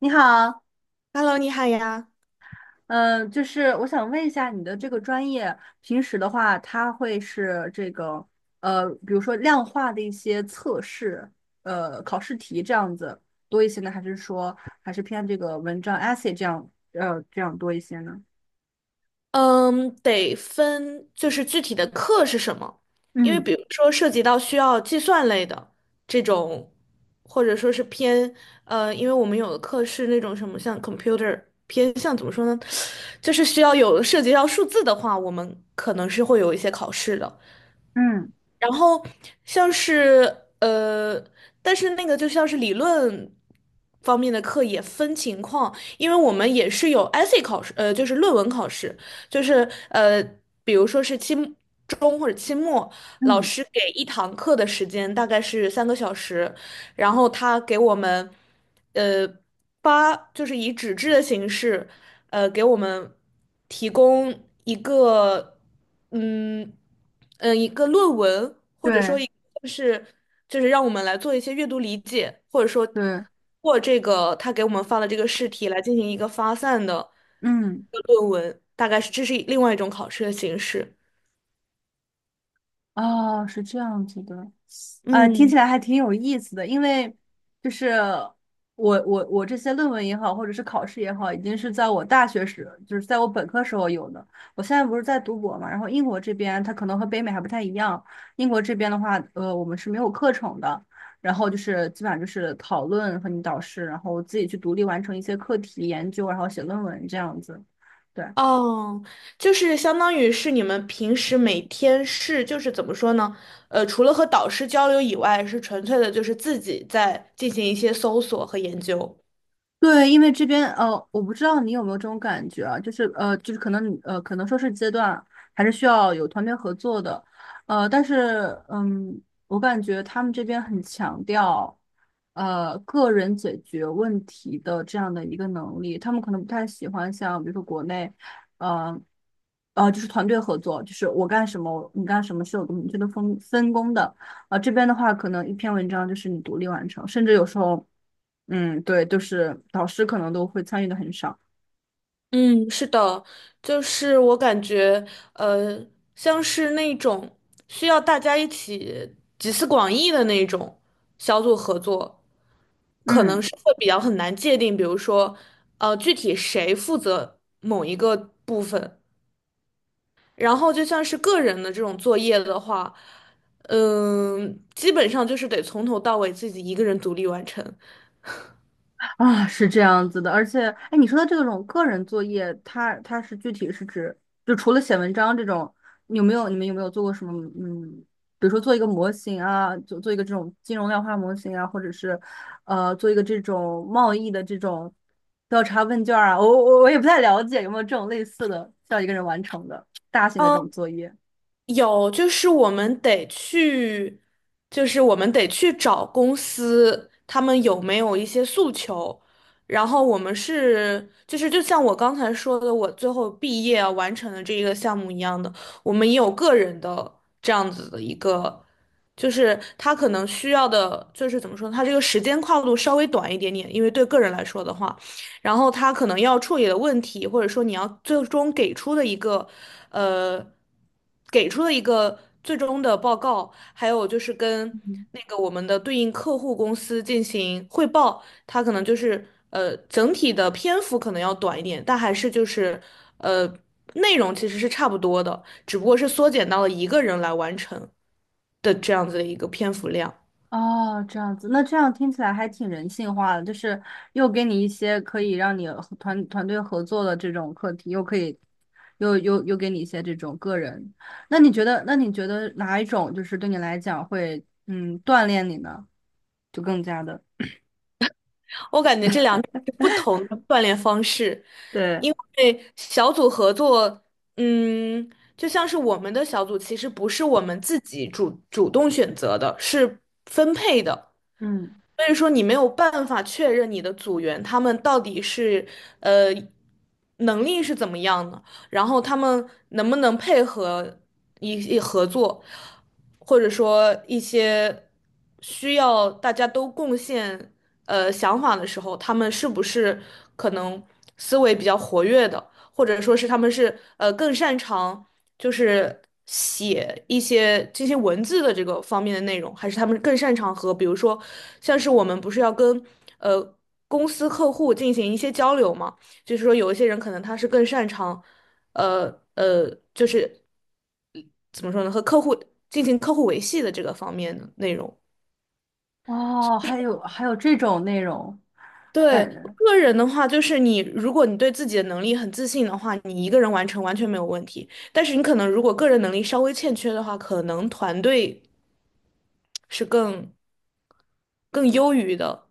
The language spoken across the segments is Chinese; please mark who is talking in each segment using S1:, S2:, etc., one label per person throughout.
S1: 你好。
S2: Hello，你好呀。
S1: 嗯、就是我想问一下你的这个专业，平时的话，它会是这个比如说量化的一些测试，考试题这样子多一些呢，还是说还是偏这个文章 essay 这样，这样多一些呢？
S2: 嗯，得分就是具体的课是什么，因为
S1: 嗯，
S2: 比如说涉及到需要计算类的这种，或者说是偏因为我们有的课是那种什么像 computer 偏向怎么说呢，就是需要有涉及到数字的话，我们可能是会有一些考试的。
S1: 嗯，
S2: 然后像是但是那个就像是理论方面的课也分情况，因为我们也是有 essay 考试，就是论文考试，就是比如说是期末中或者期末，老
S1: 嗯，
S2: 师给一堂课的时间大概是3个小时，然后他给我们，呃，发就是以纸质的形式，给我们提供一个，嗯一个论文，或者
S1: 对，
S2: 说一就是就是让我们来做一些阅读理解，或者说通
S1: 对，
S2: 过这个他给我们发的这个试题来进行一个发散的
S1: 嗯，
S2: 一个论文，大概是这是另外一种考试的形式。
S1: 哦，是这样子的。啊，听
S2: 嗯。
S1: 起来还挺有意思的，因为就是我这些论文也好，或者是考试也好，已经是在我大学时，就是在我本科时候有的。我现在不是在读博嘛，然后英国这边它可能和北美还不太一样，英国这边的话，我们是没有课程的，然后就是基本上就是讨论和你导师，然后自己去独立完成一些课题研究，然后写论文这样子。对。
S2: 哦，就是相当于是你们平时每天是，就是怎么说呢？除了和导师交流以外，是纯粹的，就是自己在进行一些搜索和研究。
S1: 对，因为这边我不知道你有没有这种感觉啊，就是就是可能你可能说是阶段还是需要有团队合作的，但是我感觉他们这边很强调个人解决问题的这样的一个能力，他们可能不太喜欢像比如说国内，呃就是团队合作，就是我干什么你干什么是有个明确的分工的，啊、这边的话可能一篇文章就是你独立完成，甚至有时候。嗯，对，就是导师可能都会参与的很少。
S2: 嗯，是的，就是我感觉，呃，像是那种需要大家一起集思广益的那种小组合作，可能
S1: 嗯，
S2: 是会比较很难界定，比如说，具体谁负责某一个部分。然后就像是个人的这种作业的话，嗯，基本上就是得从头到尾自己一个人独立完成。
S1: 啊，是这样子的。而且，哎，你说的这种个人作业，它是具体是指，就除了写文章这种，有没有你们有没有做过什么？嗯，比如说做一个模型啊，做一个这种金融量化模型啊，或者是做一个这种贸易的这种调查问卷啊。我也不太了解有没有这种类似的，需要一个人完成的大型的这种
S2: 嗯，
S1: 作业。
S2: 有，就是我们得去找公司，他们有没有一些诉求。然后我们是，就是就像我刚才说的，我最后毕业啊完成的这一个项目一样的，我们也有个人的这样子的一个，就是他可能需要的，就是怎么说呢他这个时间跨度稍微短一点点，因为对个人来说的话。然后他可能要处理的问题，或者说你要最终给出的一个，呃，给出的一个最终的报告，还有就是跟那个我们的对应客户公司进行汇报，它可能就是整体的篇幅可能要短一点，但还是就是呃内容其实是差不多的，只不过是缩减到了一个人来完成的这样子的一个篇幅量。
S1: 哦，这样子，那这样听起来还挺人性化的，就是又给你一些可以让你和团队合作的这种课题，又可以，又给你一些这种个人。那你觉得哪一种就是对你来讲会，锻炼你呢？就更加的。
S2: 我感觉这两种 是不同的锻炼方式，
S1: 对。
S2: 因为小组合作，嗯，就像是我们的小组其实不是我们自己主动选择的，是分配的。
S1: 嗯。
S2: 所以说你没有办法确认你的组员他们到底是呃能力是怎么样的，然后他们能不能配合合作，或者说一些需要大家都贡献想法的时候，他们是不是可能思维比较活跃的，或者说是他们是更擅长。就是写一些这些文字的这个方面的内容，还是他们更擅长和，比如说，像是我们不是要跟呃公司客户进行一些交流嘛？就是说有一些人可能他是更擅长，呃呃，就是怎么说呢，和客户进行客户维系的这个方面的内容。
S1: 哦，还有这种内容。
S2: 对，
S1: 感，
S2: 个人的话，就是你，如果你对自己的能力很自信的话，你一个人完成完全没有问题。但是你可能如果个人能力稍微欠缺的话，可能团队是更优于的。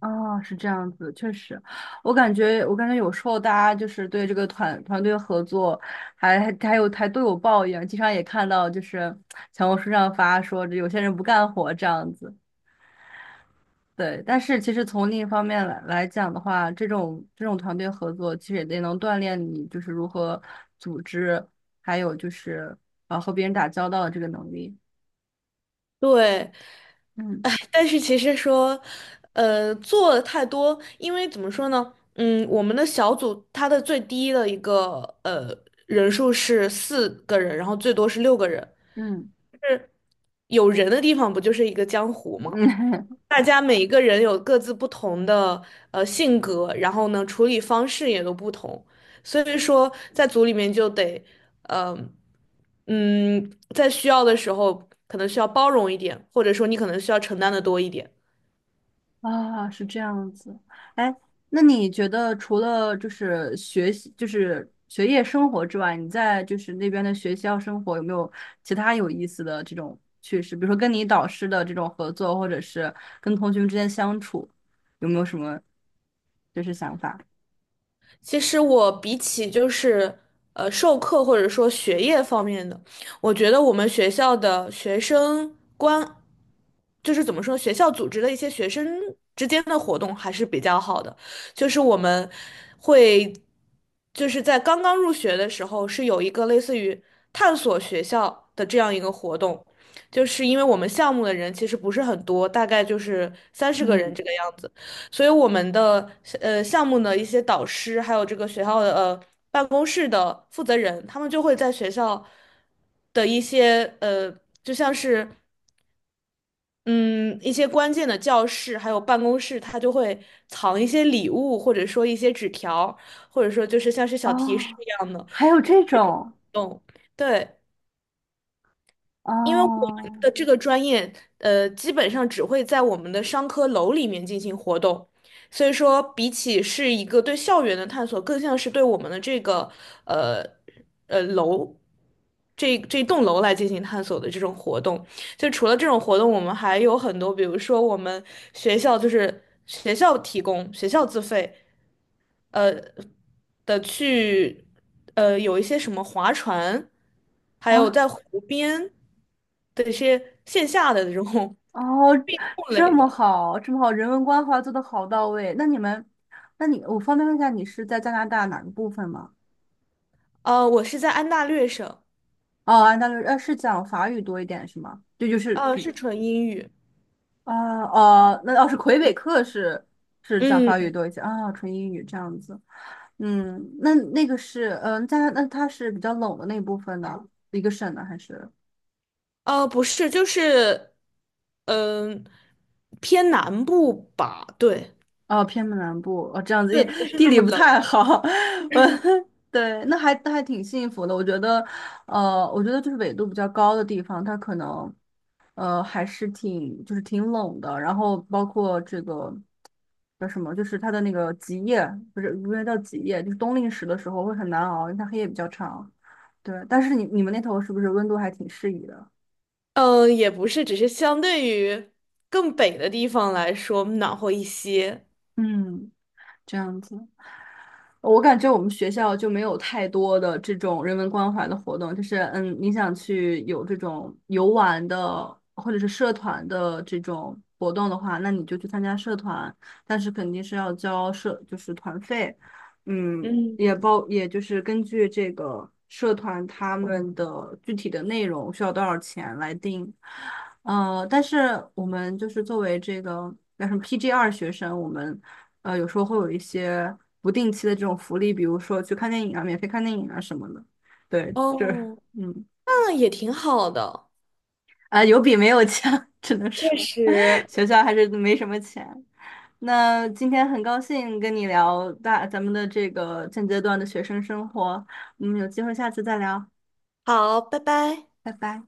S1: 哦，是这样子，确实。我感觉有时候大家就是对这个团队合作还都有抱怨，经常也看到就是小红书上发说这有些人不干活这样子。对。但是其实从另一方面来讲的话，这种团队合作其实也得能锻炼你就是如何组织，还有就是啊和别人打交道的这个能力。
S2: 对，
S1: 嗯，
S2: 哎，但是其实说，做的太多，因为怎么说呢，嗯，我们的小组它的最低的一个人数是4个人，然后最多是6个人，
S1: 嗯，
S2: 就是有人的地方不就是一个江湖吗？
S1: 嗯。
S2: 大家每一个人有各自不同的性格，然后呢处理方式也都不同，所以说在组里面就得，呃，在需要的时候可能需要包容一点，或者说你可能需要承担的多一点。
S1: 啊，是这样子。哎，那你觉得除了就是学习，就是学业生活之外，你在就是那边的学校生活有没有其他有意思的这种趣事？比如说跟你导师的这种合作，或者是跟同学们之间相处，有没有什么就是想法？
S2: 其实我比起就是授课或者说学业方面的，我觉得我们学校的学生关，就是怎么说，学校组织的一些学生之间的活动还是比较好的，就是我们会就是在刚刚入学的时候是有一个类似于探索学校的这样一个活动，就是因为我们项目的人其实不是很多，大概就是30个人
S1: 嗯，
S2: 这个样子。所以我们的项目的一些导师，还有这个学校的办公室的负责人，他们就会在学校的一些就像是嗯一些关键的教室还有办公室，他就会藏一些礼物，或者说一些纸条，或者说就是像是小提示
S1: 哦，
S2: 一样的，
S1: 还有
S2: 就是
S1: 这
S2: 那
S1: 种。
S2: 种对。因为我们
S1: 哦，
S2: 的这个专业，基本上只会在我们的商科楼里面进行活动，所以说比起是一个对校园的探索，更像是对我们的这个呃楼这栋楼来进行探索的这种活动。就除了这种活动，我们还有很多，比如说我们学校就是学校提供、学校自费，呃的去，有一些什么划船，还有
S1: 哦，
S2: 在湖边的一些线下的这种
S1: 哦，
S2: 运动
S1: 这
S2: 类
S1: 么
S2: 的。
S1: 好，这么好，人文关怀做的好到位。那你，我方便问一下，你是在加拿大哪个部分吗？
S2: 我是在安大略省，
S1: 哦，安大略，是讲法语多一点是吗？这就是比，
S2: 是纯英语。
S1: 啊、哦，那要是魁北克是讲
S2: 嗯，
S1: 法语多一些啊、纯英语这样子。嗯，那个是，那它是比较冷的那部分的一个省呢，还是？
S2: 不是，就是，嗯、偏南部吧，对，
S1: 哦，偏门南部哦，这样子，
S2: 对，
S1: 因
S2: 不
S1: 为
S2: 是
S1: 地
S2: 那
S1: 理
S2: 么
S1: 不
S2: 冷。
S1: 太好。我对，那还挺幸福的。我觉得就是纬度比较高的地方，它可能，还是就是挺冷的。然后包括这个叫什么，就是它的那个极夜，不是，不是叫极夜，就是冬令时的时候会很难熬，因为它黑夜比较长。对，但是你们那头是不是温度还挺适宜的？
S2: 嗯，也不是，只是相对于更北的地方来说暖和一些。
S1: 嗯，这样子。我感觉我们学校就没有太多的这种人文关怀的活动，就是你想去有这种游玩的或者是社团的这种活动的话，那你就去参加社团，但是肯定是要交社就是团费，嗯，也
S2: 嗯，
S1: 包也就是根据这个社团他们的具体的内容需要多少钱来定。但是我们就是作为这个叫什么 PGR 学生。有时候会有一些不定期的这种福利，比如说去看电影啊，免费看电影啊什么的。对，
S2: 哦，
S1: 嗯，
S2: 那也挺好的，
S1: 啊、有比没有强。只能说
S2: 确 实。
S1: 学校还是没什么钱。那今天很高兴跟你聊咱们的这个现阶段的学生生活，嗯，有机会下次再聊，
S2: 好，拜拜。
S1: 拜拜。